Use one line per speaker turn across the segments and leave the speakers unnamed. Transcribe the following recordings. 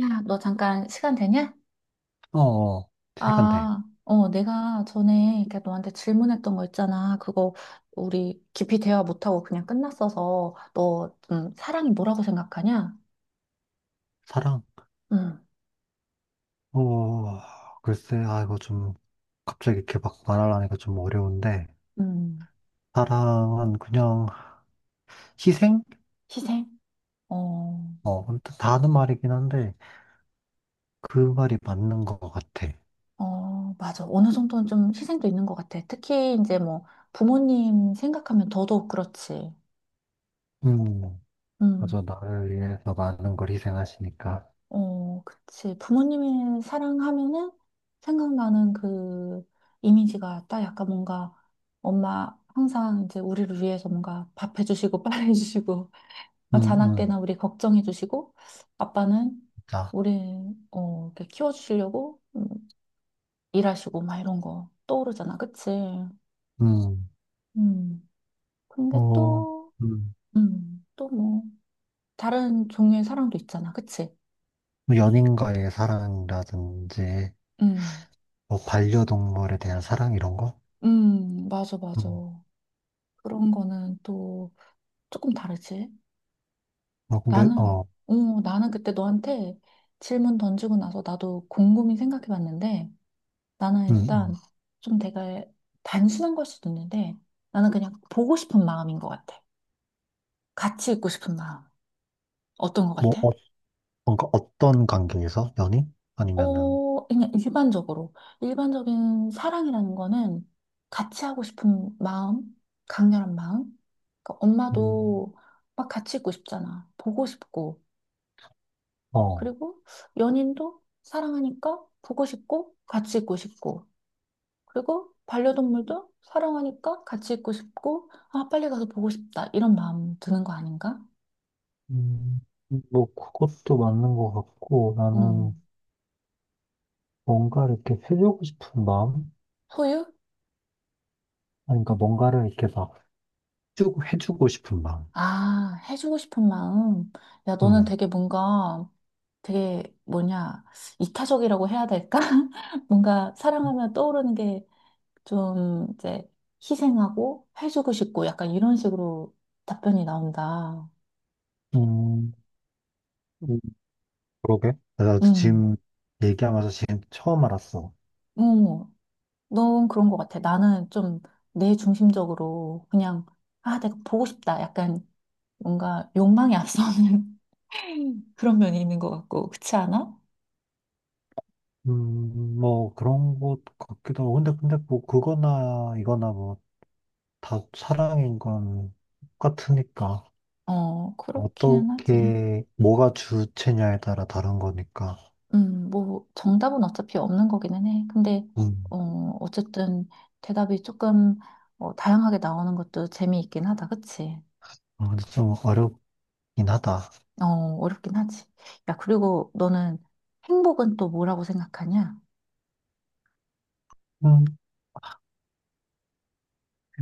야, 너 잠깐 시간 되냐?
어, 시간대.
아, 어, 내가 전에 이렇게 너한테 질문했던 거 있잖아. 그거 우리 깊이 대화 못하고 그냥 끝났어서 너, 사랑이 뭐라고 생각하냐?
사랑?
음,
어, 글쎄, 아, 이거 좀, 갑자기 이렇게 막 말하려니까 좀 어려운데,
음,
사랑은 그냥 희생?
희생? 어,
어, 아무튼 다 하는 말이긴 한데, 그 말이 맞는 것 같아.
어, 맞아. 어느 정도는 좀 희생도 있는 것 같아. 특히 이제 뭐 부모님 생각하면 더더욱 그렇지.
음,
음.
그래서 나를 위해서 많은 걸 희생하시니까.
어, 그치. 부모님의 사랑하면은 생각나는 그 이미지가 딱 약간 뭔가 엄마 항상 이제 우리를 위해서 뭔가 밥 해주시고 빨래 해주시고 막
음, 음,
자나깨나 우리 걱정해주시고 아빠는
자,
우리 이렇게 키워주시려고 일하시고 막 이런 거 떠오르잖아. 그치?
음,
음. 근데
어,
또,
음,
또 뭐, 다른 종류의 사랑도 있잖아. 그치?
뭐 연인과의 사랑이라든지,
음,
뭐 반려동물에 대한 사랑 이런 거?
맞아, 맞아.
음,
그런 거는 또 조금 다르지.
어, 근데,
나는,
어,
어, 나는 그때 너한테 질문 던지고 나서 나도 곰곰이 생각해 봤는데 나는
음,
일단
음.
좀 내가 단순한 걸 수도 있는데 나는 그냥 보고 싶은 마음인 것 같아. 같이 있고 싶은 마음. 어떤 것
뭐,
같아?
어, 뭔가 어떤 관계에서? 연인? 아니면은,
어, 그냥 일반적으로. 일반적인 사랑이라는 거는 같이 하고 싶은 마음, 강렬한 마음. 그러니까
음,
엄마도 막 같이 있고 싶잖아. 보고 싶고.
어,
그리고 연인도 사랑하니까 보고 싶고 같이 있고 싶고 그리고 반려동물도 사랑하니까 같이 있고 싶고 아 빨리 가서 보고 싶다 이런 마음 드는 거 아닌가?
음, 뭐, 그것도 맞는 것 같고, 나는
음
뭔가 이렇게 해주고 싶은 마음?
소유?
아니, 그러니까 뭔가를 이렇게 막 해주고 싶은 마음.
아 해주고 싶은 마음 야 너는
음,
되게 뭔가 되게 뭐냐 이타적이라고 해야 될까? 뭔가 사랑하면 떠오르는 게 좀 이제 희생하고 해주고 싶고 약간 이런 식으로 답변이 나온다.
음, 음, 그러게. 내가
음.
지금 얘기하면서 지금 처음 알았어.
어, 넌 그런 것 같아. 나는 좀 내 중심적으로 그냥, 아, 내가 보고 싶다. 약간 뭔가 욕망이 앞서는 그런 면이 있는 것 같고, 그렇지 않아?
뭐, 그런 것 같기도 하고. 근데 뭐, 그거나, 이거나 뭐, 다 사랑인 건 똑같으니까.
어, 그렇기는 하지.
어떻게, 뭐가 주체냐에 따라 다른 거니까.
뭐, 정답은 어차피 없는 거기는 해. 근데,
음,
어, 어쨌든 대답이 조금 다양하게 나오는 것도 재미있긴 하다. 그치?
아, 근데 좀 어렵긴 하다.
어, 어렵긴 하지. 야, 그리고 너는 행복은 또 뭐라고 생각하냐?
음,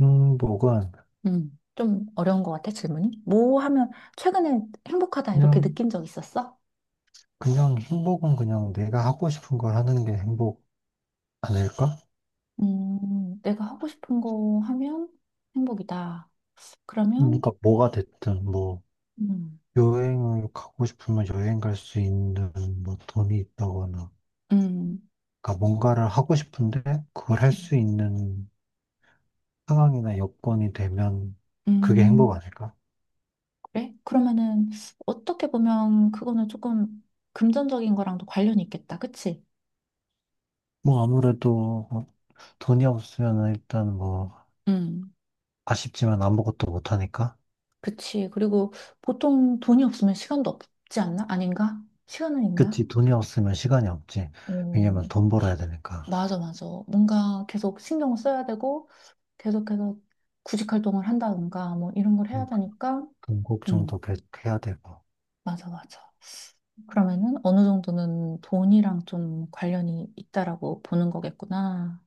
행복은,
좀 어려운 것 같아, 질문이. 뭐 하면 최근에 행복하다 이렇게
그냥,
느낀 적 있었어?
그냥 행복은 그냥 내가 하고 싶은 걸 하는 게 행복 아닐까?
내가 하고 싶은 거 하면 행복이다. 그러면,
그러니까 뭐가 됐든, 뭐,
음,
여행을 가고 싶으면 여행 갈 수 있는, 뭐, 돈이 있다거나.
음,
그러니까 뭔가를 하고 싶은데, 그걸 할 수 있는 상황이나 여건이 되면, 그게 행복
음,
아닐까?
그래? 그러면은 어떻게 보면 그거는 조금 금전적인 거랑도 관련이 있겠다. 그치?
뭐, 아무래도, 뭐 돈이 없으면 일단 뭐,
음,
아쉽지만 아무것도 못하니까.
그치. 그리고 보통 돈이 없으면 시간도 없지 않나? 아닌가? 시간은 있나?
그치, 돈이 없으면 시간이 없지. 왜냐면
어,
돈 벌어야 되니까.
맞아, 맞아. 뭔가 계속 신경을 써야 되고, 계속해서 구직 활동을 한다든가 뭐 이런 걸 해야
그러니까
되니까
돈
음
걱정도 계속 해야 되고.
맞아 맞아 그러면은 어느 정도는 돈이랑 좀 관련이 있다라고 보는 거겠구나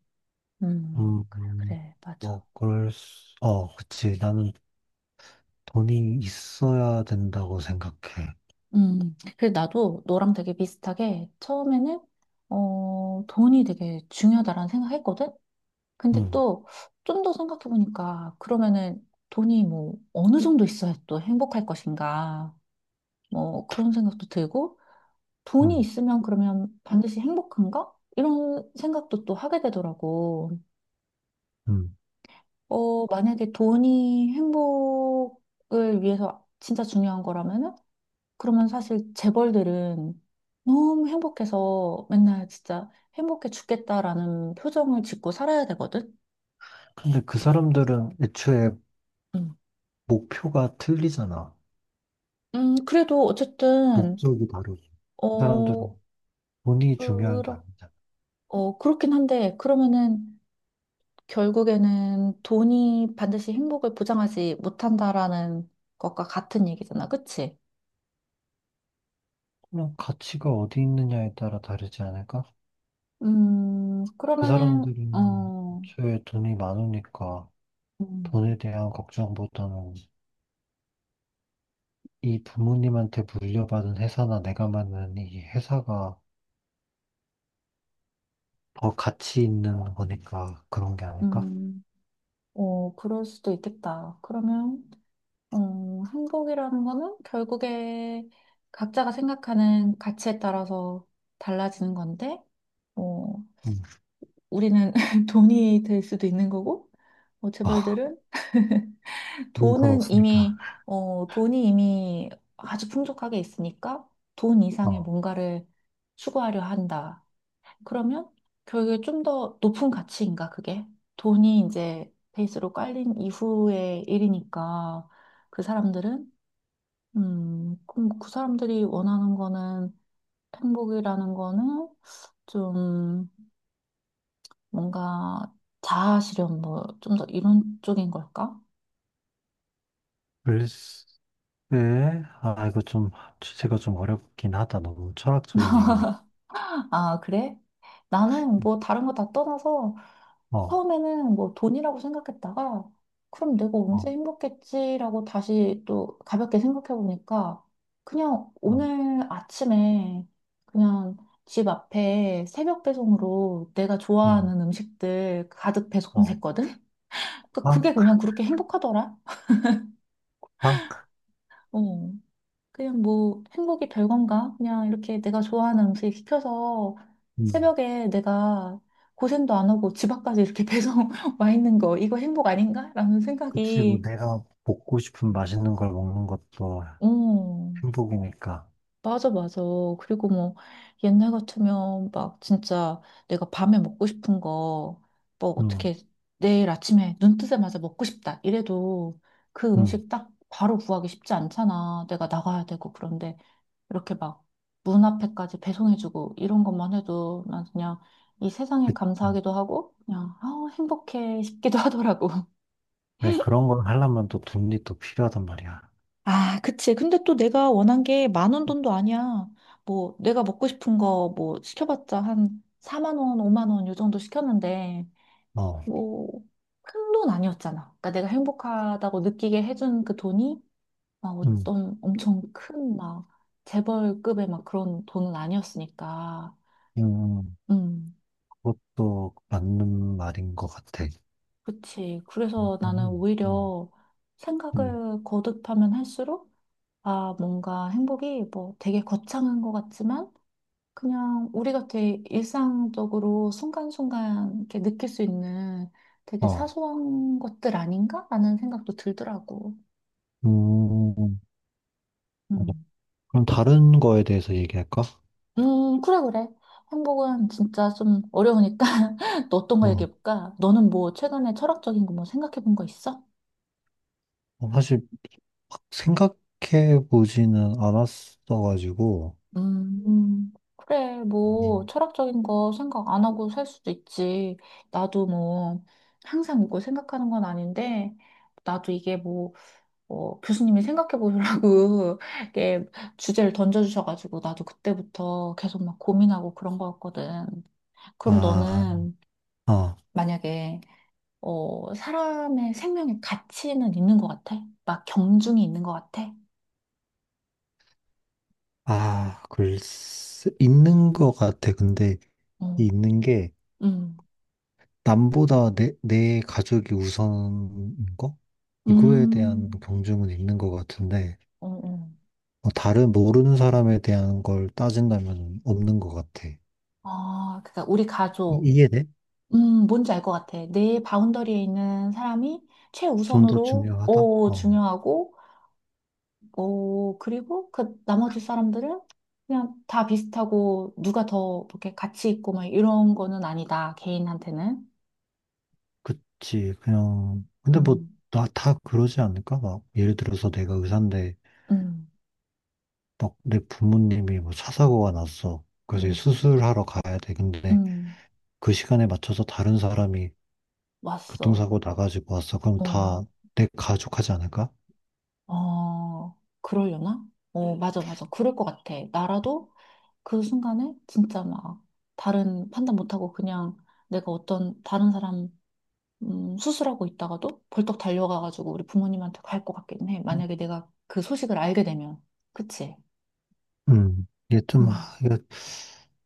음,
그래
음,
그래 맞아
뭐, 그치. 나는 돈이 있어야 된다고 생각해.
그래 나도 너랑 되게 비슷하게 처음에는 돈이 되게 중요하다라는 생각했거든 근데
음,
또 좀 더 생각해 보니까 그러면은 돈이 뭐 어느 정도 있어야 또 행복할 것인가 뭐 그런 생각도 들고 돈이
음,
있으면 그러면 반드시 행복한가? 이런 생각도 또 하게 되더라고.
음.
어, 만약에 돈이 행복을 위해서 진짜 중요한 거라면은, 그러면 사실 재벌들은 너무 행복해서 맨날 진짜 행복해 죽겠다라는 표정을 짓고 살아야 되거든?
근데 그 사람들은 애초에
음,
목표가 틀리잖아.
그래도 어쨌든,
목적이 다르지. 그 사람들은
어,
돈이 중요한 게
그렇,
아니잖아.
그렇긴 한데, 그러면은, 결국에는 돈이 반드시 행복을 보장하지 못한다라는 것과 같은 얘기잖아. 그치?
그냥 가치가 어디 있느냐에 따라 다르지 않을까? 그
그러면은,
사람들은 애초에 돈이 많으니까
음,
돈에 대한 걱정보다는 이 부모님한테 물려받은 회사나 내가 만든 이 회사가 더 가치 있는 거니까 그런 게 아닐까?
음, 그럴 수도 있겠다. 그러면, 행복이라는 거는 결국에 각자가 생각하는 가치에 따라서 달라지는 건데, 어,
음.
우리는 돈이 될 수도 있는 거고,
아,
재벌들은
우린 돈
돈은
없으니까.
이미, 돈이 이미 아주 풍족하게 있으니까 돈 이상의
어.
뭔가를 추구하려 한다. 그러면 결국에 좀 더 높은 가치인가, 그게? 돈이 이제 베이스로 깔린 이후의 일이니까 그 사람들은, 그럼 그 사람들이 원하는 거는 행복이라는 거는 좀 뭔가 자아실현 뭐 좀 더 이런 쪽인 걸까?
글쎄, 아, 이거 좀 주제가 좀 어렵긴 하다. 너무 철학적인 얘기니.
아, 그래? 나는 뭐 다른 거 다 떠나서
어,
처음에는 뭐 돈이라고 생각했다가 그럼 내가 언제
어,
행복했지라고 다시 또 가볍게 생각해 보니까 그냥
어,
오늘 아침에 그냥 집 앞에 새벽 배송으로 내가
음,
좋아하는 음식들 가득
어,
배송됐거든?
빵,
그게 그냥 그렇게 행복하더라.
빵,
어. 그냥 뭐 행복이 별건가? 그냥 이렇게 내가 좋아하는 음식 시켜서
음.
새벽에 내가 고생도 안 하고 집 앞까지 이렇게 배송 와 있는 거, 이거 행복 아닌가? 라는
그치, 뭐
생각이,
내가 먹고 싶은 맛있는 걸 먹는 것도
어,
행복이니까.
맞아, 맞아. 그리고 뭐 옛날 같으면 막 진짜 내가 밤에 먹고 싶은 거, 뭐
음,
어떻게 내일 아침에 눈 뜨자마자 먹고 싶다. 이래도 그
음.
음식 딱 바로 구하기 쉽지 않잖아. 내가 나가야 되고 그런데. 이렇게 막 문 앞에까지 배송해주고 이런 것만 해도 난 그냥 이 세상에
그-
감사하기도 하고 그냥 아 행복해 싶기도 하더라고.
그런 걸 하려면 또 돈이 또 필요하단 말이야.
아, 그치. 근데 또 내가 원한 게 10,000원 돈도 아니야. 뭐, 내가 먹고 싶은 거 뭐 시켜봤자 한 4만 원, 5만 원 요 정도 시켰는데,
어,
뭐, 큰 돈 아니었잖아. 그러니까 내가 행복하다고 느끼게 해준 그 돈이 막
음,
어떤 엄청 큰 막 재벌급의 막 그런 돈은 아니었으니까.
음, 음.
음.
그것도 맞는 말인 것 같아.
그치.
음,
그래서 나는
음,
오히려
음.
생각을 거듭하면 할수록, 아, 뭔가 행복이 뭐 되게 거창한 것 같지만, 그냥 우리가 되게 일상적으로 순간순간 이렇게 느낄 수 있는 되게
어,
사소한 것들 아닌가? 라는 생각도 들더라고.
음, 어,
음.
그럼 다른 거에 대해서 얘기할까?
그래, 그래. 행복은 진짜 좀 어려우니까 또 어떤 거
어,
얘기해볼까? 너는 뭐 최근에 철학적인 거 뭐 생각해본 거 있어?
어, 사실 막 생각해 보지는 않았어가지고,
그래, 뭐,
음.
철학적인 거 생각 안 하고 살 수도 있지. 나도 뭐, 항상 이걸 생각하는 건 아닌데, 나도 이게 뭐, 교수님이 생각해 보라고, 이렇게 주제를 던져주셔가지고, 나도 그때부터 계속 막 고민하고 그런 거였거든. 그럼
아,
너는
어,
만약에, 사람의 생명의 가치는 있는 것 같아? 막 경중이 있는 것 같아?
아, 글쎄, 있는 것 같아. 근데 이
응,
있는 게
응,
남보다 내 가족이 우선인 거? 이거에 대한
음,
경중은 있는 것 같은데,
응, 응.
어, 다른 모르는 사람에 대한 걸 따진다면 없는 것 같아.
아, 그러니까 우리 가족.
이해돼?
뭔지 알 것 같아. 내 바운더리에 있는 사람이
좀 더
최우선으로
중요하다? 어,
중요하고 어, 그리고 그 나머지 사람들은 그냥 다 비슷하고 누가 더 이렇게 가치 있고 막 이런 거는 아니다. 개인한테는.
그치. 그냥, 근데 뭐,
음.
나 다 그러지 않을까? 막, 예를 들어서 내가 의사인데,
음.
막 내 부모님이 뭐 차 사고가 났어. 그래서 이제
음.
수술하러 가야 돼. 근데
음.
그 시간에 맞춰서 다른 사람이
왔어.
교통사고 나가지고 왔어. 그럼
어.
다 내 가족 하지 않을까?
어. 그러려나? 어, 맞아, 맞아. 그럴 것 같아. 나라도 그 순간에 진짜 막 다른 판단 못하고 그냥 내가 어떤 다른 사람 수술하고 있다가도 벌떡 달려가가지고 우리 부모님한테 갈 것 같긴 해. 만약에 내가 그 소식을 알게 되면. 그치?
이게 좀,
음,
이거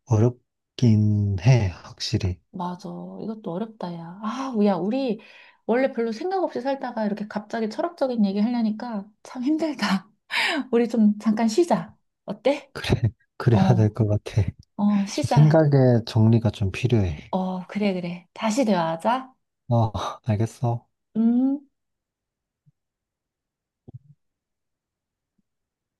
어렵긴 해, 확실히.
맞아. 이것도 어렵다, 야. 아, 야, 우리 원래 별로 생각 없이 살다가 이렇게 갑자기 철학적인 얘기 하려니까 참 힘들다. 우리 좀 잠깐 쉬자. 어때?
그래, 그래야 될
어,
것 같아.
어,
저
쉬자.
생각의 정리가 좀 필요해.
어, 그래, 그래. 다시 대화하자.
어, 알겠어.
음.